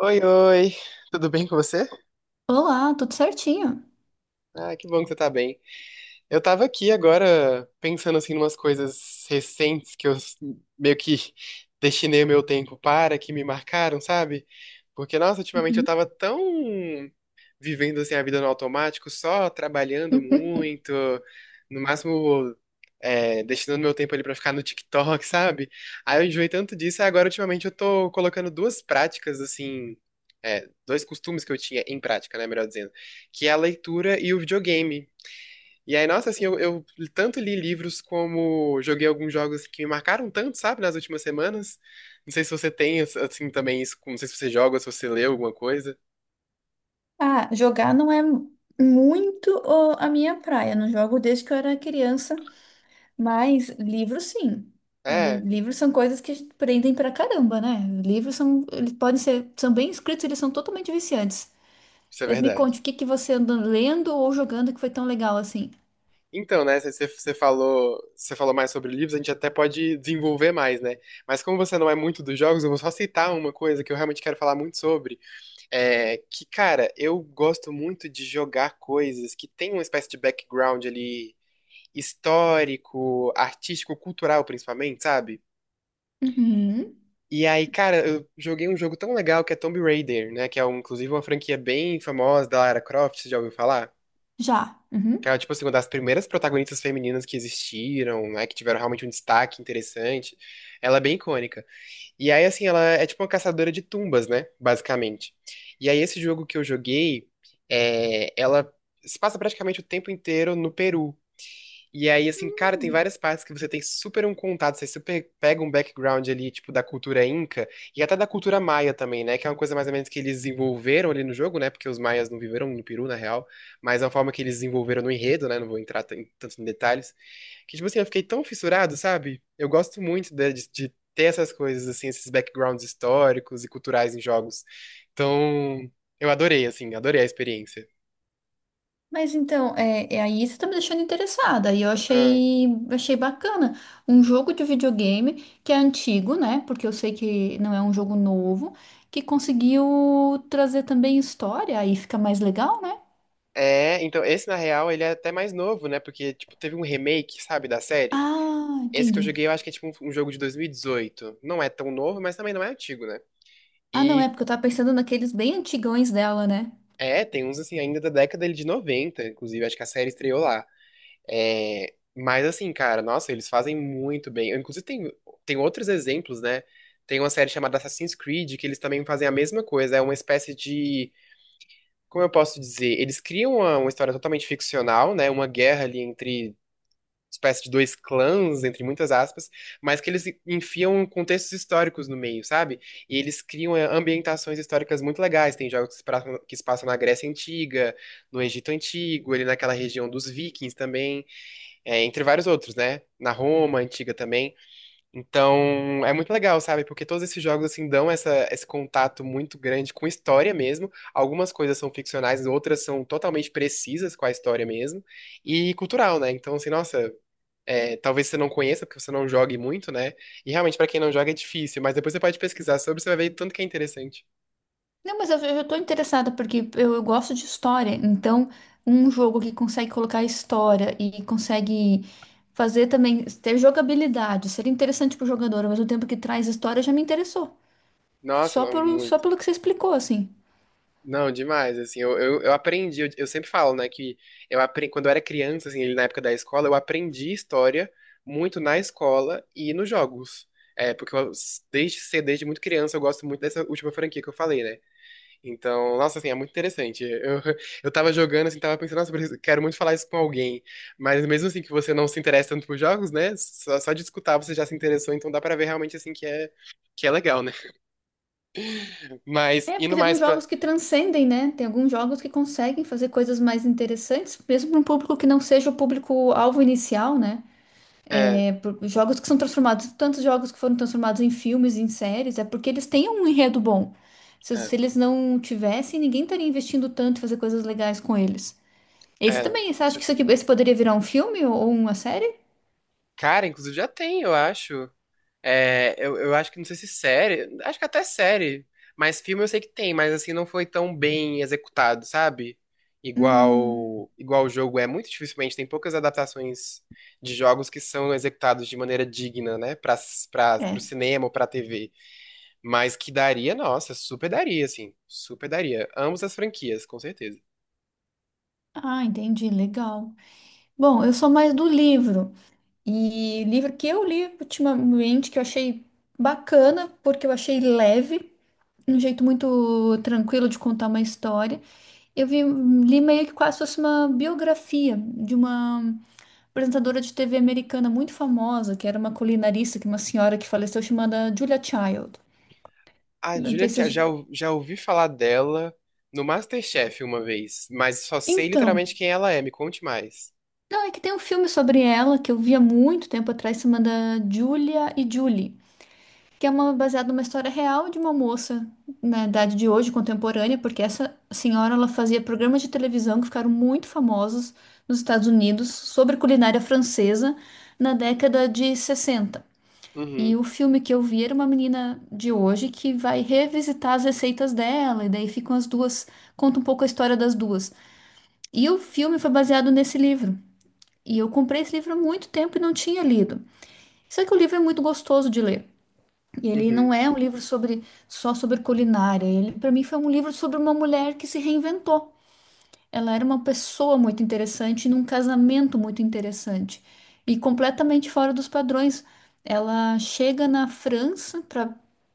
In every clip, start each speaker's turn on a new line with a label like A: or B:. A: Oi, oi, tudo bem com você?
B: Olá, tudo certinho?
A: Ah, que bom que você tá bem. Eu tava aqui agora pensando assim umas coisas recentes que eu s- meio que destinei o meu tempo para, que me marcaram, sabe? Porque, nossa, ultimamente eu
B: Uhum.
A: tava tão vivendo assim, a vida no automático, só trabalhando muito, no máximo destinando meu tempo ali pra ficar no TikTok, sabe? Aí eu enjoei tanto disso, e agora ultimamente eu tô colocando duas práticas assim, dois costumes que eu tinha em prática, né, melhor dizendo, que é a leitura e o videogame. E aí, nossa, assim, eu tanto li livros como joguei alguns jogos que me marcaram tanto, sabe, nas últimas semanas. Não sei se você tem, assim, também isso, não sei se você joga, se você lê alguma coisa.
B: Ah, jogar não é muito a minha praia. Não jogo desde que eu era criança, mas livros sim.
A: É,
B: Livros são coisas que prendem pra caramba, né? Livros são, eles podem ser, são bem escritos, eles são totalmente viciantes.
A: isso é
B: Mas me
A: verdade.
B: conte, o que que você anda lendo ou jogando que foi tão legal assim?
A: Então, né, você falou, você falou mais sobre livros, a gente até pode desenvolver mais, né? Mas como você não é muito dos jogos, eu vou só citar uma coisa que eu realmente quero falar muito sobre, é que, cara, eu gosto muito de jogar coisas que tem uma espécie de background ali histórico, artístico, cultural principalmente, sabe?
B: Uhum.
A: E aí, cara, eu joguei um jogo tão legal que é Tomb Raider, né, que é um, inclusive uma franquia bem famosa da Lara Croft, você já ouviu falar?
B: Já.
A: Cara, tipo assim, uma das primeiras protagonistas femininas que existiram, né, que tiveram realmente um destaque interessante, ela é bem icônica. E aí, assim, ela é tipo uma caçadora de tumbas, né, basicamente. E aí, esse jogo que eu joguei, ela se passa praticamente o tempo inteiro no Peru. E aí, assim, cara, tem
B: Uhum.
A: várias partes que você tem super um contato, você super pega um background ali, tipo, da cultura inca e até da cultura maia também, né? Que é uma coisa mais ou menos que eles desenvolveram ali no jogo, né? Porque os maias não viveram no Peru, na real, mas é uma forma que eles desenvolveram no enredo, né? Não vou entrar tanto em detalhes. Que, tipo assim, eu fiquei tão fissurado, sabe? Eu gosto muito de ter essas coisas, assim, esses backgrounds históricos e culturais em jogos. Então, eu adorei, assim, adorei a experiência.
B: Mas então, é aí você tá me deixando interessada. E eu
A: Ah,
B: achei, achei bacana. Um jogo de videogame que é antigo, né? Porque eu sei que não é um jogo novo, que conseguiu trazer também história, aí fica mais legal, né?
A: É, então, esse na real, ele é até mais novo, né? Porque, tipo, teve um remake, sabe, da série.
B: Ah,
A: Esse que eu
B: entendi.
A: joguei, eu acho que é tipo um jogo de 2018. Não é tão novo, mas também não é antigo, né?
B: Ah, não, é
A: E
B: porque eu tava pensando naqueles bem antigões dela, né?
A: é, tem uns assim, ainda da década ele de 90, inclusive, acho que a série estreou lá. É, mas assim, cara, nossa, eles fazem muito bem. Eu, inclusive, tem, tem outros exemplos, né? Tem uma série chamada Assassin's Creed, que eles também fazem a mesma coisa. É uma espécie de. Como eu posso dizer? Eles criam uma história totalmente ficcional, né? Uma guerra ali entre espécie de dois clãs, entre muitas aspas, mas que eles enfiam contextos históricos no meio, sabe? E eles criam ambientações históricas muito legais. Tem jogos que se passam na Grécia Antiga, no Egito Antigo, ali naquela região dos Vikings também, entre vários outros, né? Na Roma Antiga também. Então, é muito legal, sabe? Porque todos esses jogos, assim, dão essa, esse contato muito grande com história mesmo. Algumas coisas são ficcionais, outras são totalmente precisas com a história mesmo. E cultural, né? Então, assim, nossa, talvez você não conheça, porque você não jogue muito, né? E realmente, pra quem não joga, é difícil, mas depois você pode pesquisar sobre, você vai ver tanto que é interessante.
B: Não, mas eu tô interessada porque eu gosto de história. Então, um jogo que consegue colocar história e consegue fazer também ter jogabilidade, seria interessante pro jogador, ao mesmo tempo que traz história, já me interessou.
A: Nossa, não,
B: Só
A: muito.
B: pelo que você explicou, assim.
A: Não, demais, assim, eu aprendi, eu sempre falo, né, que eu aprendi, quando eu era criança, assim, na época da escola, eu aprendi história muito na escola e nos jogos. É, porque eu, desde cedo, desde muito criança, eu gosto muito dessa última franquia que eu falei, né? Então, nossa, assim, é muito interessante. Eu, eu tava jogando, assim, tava pensando, nossa, quero muito falar isso com alguém. Mas mesmo assim que você não se interessa tanto por jogos, né? Só de escutar você já se interessou, então dá pra ver realmente, assim, que é legal, né? Mas,
B: É, porque
A: indo
B: tem alguns
A: mais pra...
B: jogos que transcendem, né? Tem alguns jogos que conseguem fazer coisas mais interessantes, mesmo para um público que não seja o público-alvo inicial, né?
A: É,
B: É, jogos que são transformados, tantos jogos que foram transformados em filmes, em séries, é porque eles têm um enredo bom. Se,
A: é,
B: se eles não tivessem, ninguém estaria investindo tanto em fazer coisas legais com eles. Esse
A: não,
B: também, você
A: com
B: acha que isso
A: certeza.
B: aqui, esse poderia virar um filme ou uma série?
A: Cara, inclusive já tem, eu acho. É, eu acho que não sei se série, acho que até série, mas filme eu sei que tem, mas assim não foi tão bem executado, sabe?
B: Hum,
A: Igual o jogo é muito dificilmente tem poucas adaptações de jogos que são executados de maneira digna, né, para pro
B: é.
A: cinema ou pra TV, mas que daria, nossa, super daria assim, super daria. Ambas as franquias, com certeza.
B: Ah, entendi, legal. Bom, eu sou mais do livro. E livro que eu li ultimamente, que eu achei bacana, porque eu achei leve, um jeito muito tranquilo de contar uma história. Eu vi, li meio que quase fosse uma biografia de uma apresentadora de TV americana muito famosa, que era uma culinarista, que é uma senhora que faleceu chamada Julia Child.
A: A
B: Não
A: Julia
B: sei
A: Ch- já
B: se...
A: ou- já ouvi falar dela no MasterChef uma vez, mas só sei
B: Então,
A: literalmente quem ela é, me conte mais.
B: não, é que tem um filme sobre ela que eu via muito tempo atrás chamada Julia e Julie, que é uma baseada numa história real de uma moça na idade de hoje, contemporânea, porque essa senhora ela fazia programas de televisão que ficaram muito famosos nos Estados Unidos sobre culinária francesa na década de 60. E
A: Uhum.
B: o filme que eu vi era uma menina de hoje que vai revisitar as receitas dela, e daí ficam as duas, conta um pouco a história das duas. E o filme foi baseado nesse livro. E eu comprei esse livro há muito tempo e não tinha lido. Só que o livro é muito gostoso de ler. E ele não
A: Uhum.
B: é um livro sobre culinária. Ele, para mim, foi um livro sobre uma mulher que se reinventou. Ela era uma pessoa muito interessante, num casamento muito interessante e completamente fora dos padrões. Ela chega na França pra,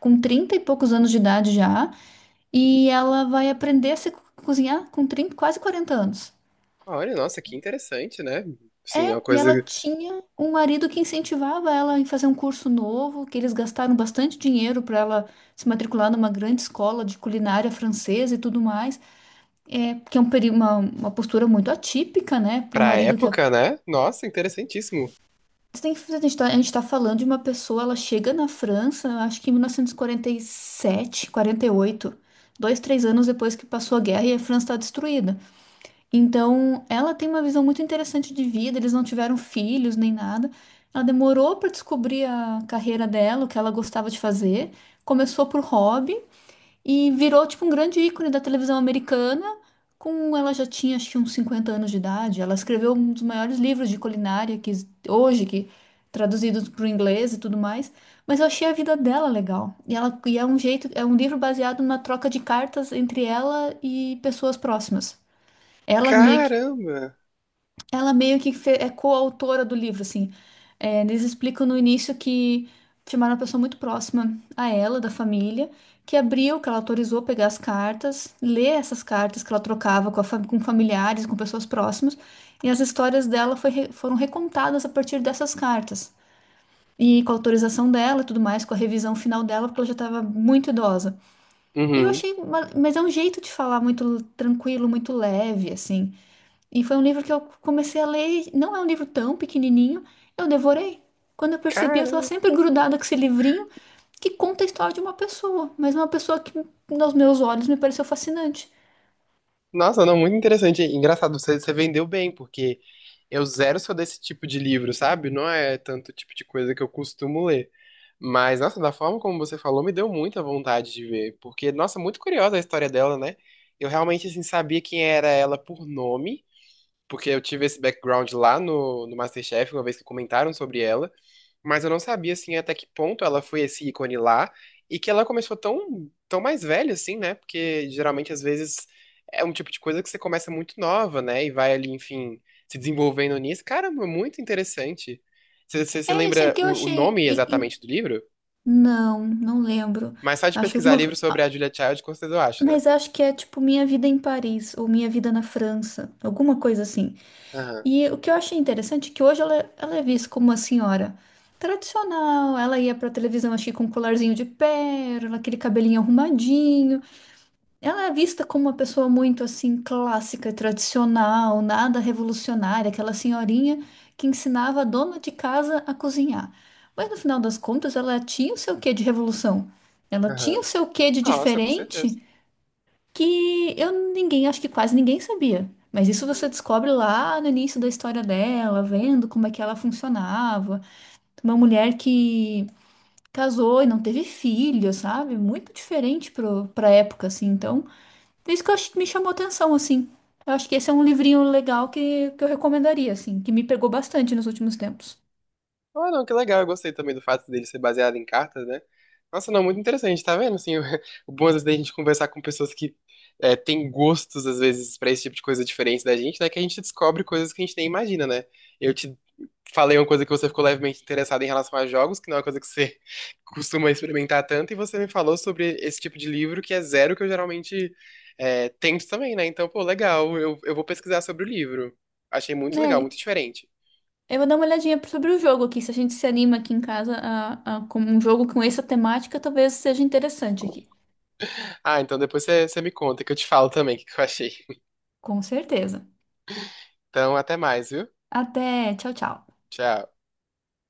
B: com 30 e poucos anos de idade já, e ela vai aprender a se co- cozinhar com 30, quase 40 anos.
A: Olha, nossa, que interessante, né? Sim, é
B: É,
A: uma
B: e
A: coisa
B: ela tinha um marido que incentivava ela em fazer um curso novo, que eles gastaram bastante dinheiro para ela se matricular numa grande escola de culinária francesa e tudo mais. É, que é um, uma postura muito atípica, né, para o
A: pra
B: marido que... A
A: época, né? Nossa, interessantíssimo.
B: Você tem que a gente tá falando de uma pessoa, ela chega na França, acho que em 1947, 48, dois, três anos depois que passou a guerra e a França está destruída. Então, ela tem uma visão muito interessante de vida, eles não tiveram filhos nem nada. Ela demorou para descobrir a carreira dela, o que ela gostava de fazer. Começou por hobby e virou tipo um grande ícone da televisão americana. Com ela já tinha acho que uns 50 anos de idade. Ela escreveu um dos maiores livros de culinária que hoje que traduzidos para o inglês e tudo mais. Mas eu achei a vida dela legal. E ela e é um jeito, é um livro baseado na troca de cartas entre ela e pessoas próximas. Ela meio que
A: Caramba!
B: ela meio que é coautora do livro, assim. É, eles explicam no início que chamaram uma pessoa muito próxima a ela, da família, que abriu, que ela autorizou pegar as cartas, ler essas cartas que ela trocava com, com familiares, com pessoas próximas, e as histórias dela foram recontadas a partir dessas cartas. E com a autorização dela e tudo mais, com a revisão final dela, porque ela já estava muito idosa. E eu
A: Uhum.
B: achei, mas é um jeito de falar muito tranquilo, muito leve, assim. E foi um livro que eu comecei a ler, e não é um livro tão pequenininho, eu devorei. Quando eu percebi, eu estava
A: Caramba!
B: sempre grudada com esse livrinho que conta a história de uma pessoa, mas uma pessoa que, nos meus olhos, me pareceu fascinante.
A: Nossa, não, muito interessante. Engraçado, você vendeu bem, porque eu zero sou desse tipo de livro, sabe? Não é tanto tipo de coisa que eu costumo ler. Mas, nossa, da forma como você falou, me deu muita vontade de ver. Porque, nossa, muito curiosa a história dela, né? Eu realmente, assim, sabia quem era ela por nome. Porque eu tive esse background lá no MasterChef, uma vez que comentaram sobre ela, mas eu não sabia, assim, até que ponto ela foi esse ícone lá e que ela começou tão mais velha, assim, né? Porque geralmente, às vezes, é um tipo de coisa que você começa muito nova, né? E vai ali, enfim, se desenvolvendo nisso. Caramba, muito interessante. Você
B: É esse
A: lembra
B: que eu
A: o
B: achei
A: nome exatamente do livro?
B: não, não lembro.
A: Mas só de
B: Acho
A: pesquisar livro
B: alguma.
A: sobre
B: Ah,
A: a Julia Child, com certeza eu acho, né?
B: mas acho que é tipo Minha Vida em Paris ou Minha Vida na França, alguma coisa assim.
A: Aham,
B: E o que eu achei interessante é que hoje ela é vista como uma senhora tradicional. Ela ia pra televisão, acho que com um colarzinho de pérola, aquele cabelinho arrumadinho. Ela é vista como uma pessoa muito assim clássica, tradicional, nada revolucionária, aquela senhorinha que ensinava a dona de casa a cozinhar. Mas no final das contas, ela tinha o seu quê de revolução. Ela tinha o
A: aham.
B: seu quê de
A: Nossa, com certeza.
B: diferente que eu ninguém, acho que quase ninguém sabia. Mas isso você descobre lá no início da história dela, vendo como é que ela funcionava. Uma mulher que casou e não teve filho, sabe? Muito diferente pra época, assim. Então, por isso que eu acho que me chamou atenção, assim. Eu acho que esse é um livrinho legal que eu recomendaria, assim, que me pegou bastante nos últimos tempos.
A: Ah, não, que legal. Eu gostei também do fato dele ser baseado em cartas, né? Nossa, não, muito interessante, tá vendo? Assim, o, o bom às vezes da gente conversar com pessoas que têm gostos, às vezes, pra esse tipo de coisa diferente da gente, né? Que a gente descobre coisas que a gente nem imagina, né? Eu te falei uma coisa que você ficou levemente interessada em relação a jogos, que não é uma coisa que você costuma experimentar tanto, e você me falou sobre esse tipo de livro que é zero que eu geralmente tento também, né? Então, pô, legal, eu vou pesquisar sobre o livro. Achei muito legal,
B: Né?
A: muito diferente.
B: Eu vou dar uma olhadinha sobre o jogo aqui. Se a gente se anima aqui em casa com um jogo com essa temática, talvez seja interessante aqui.
A: Ah, então depois você me conta que eu te falo também o que que eu achei.
B: Com certeza.
A: Então, até mais, viu?
B: Até, tchau, tchau.
A: Tchau.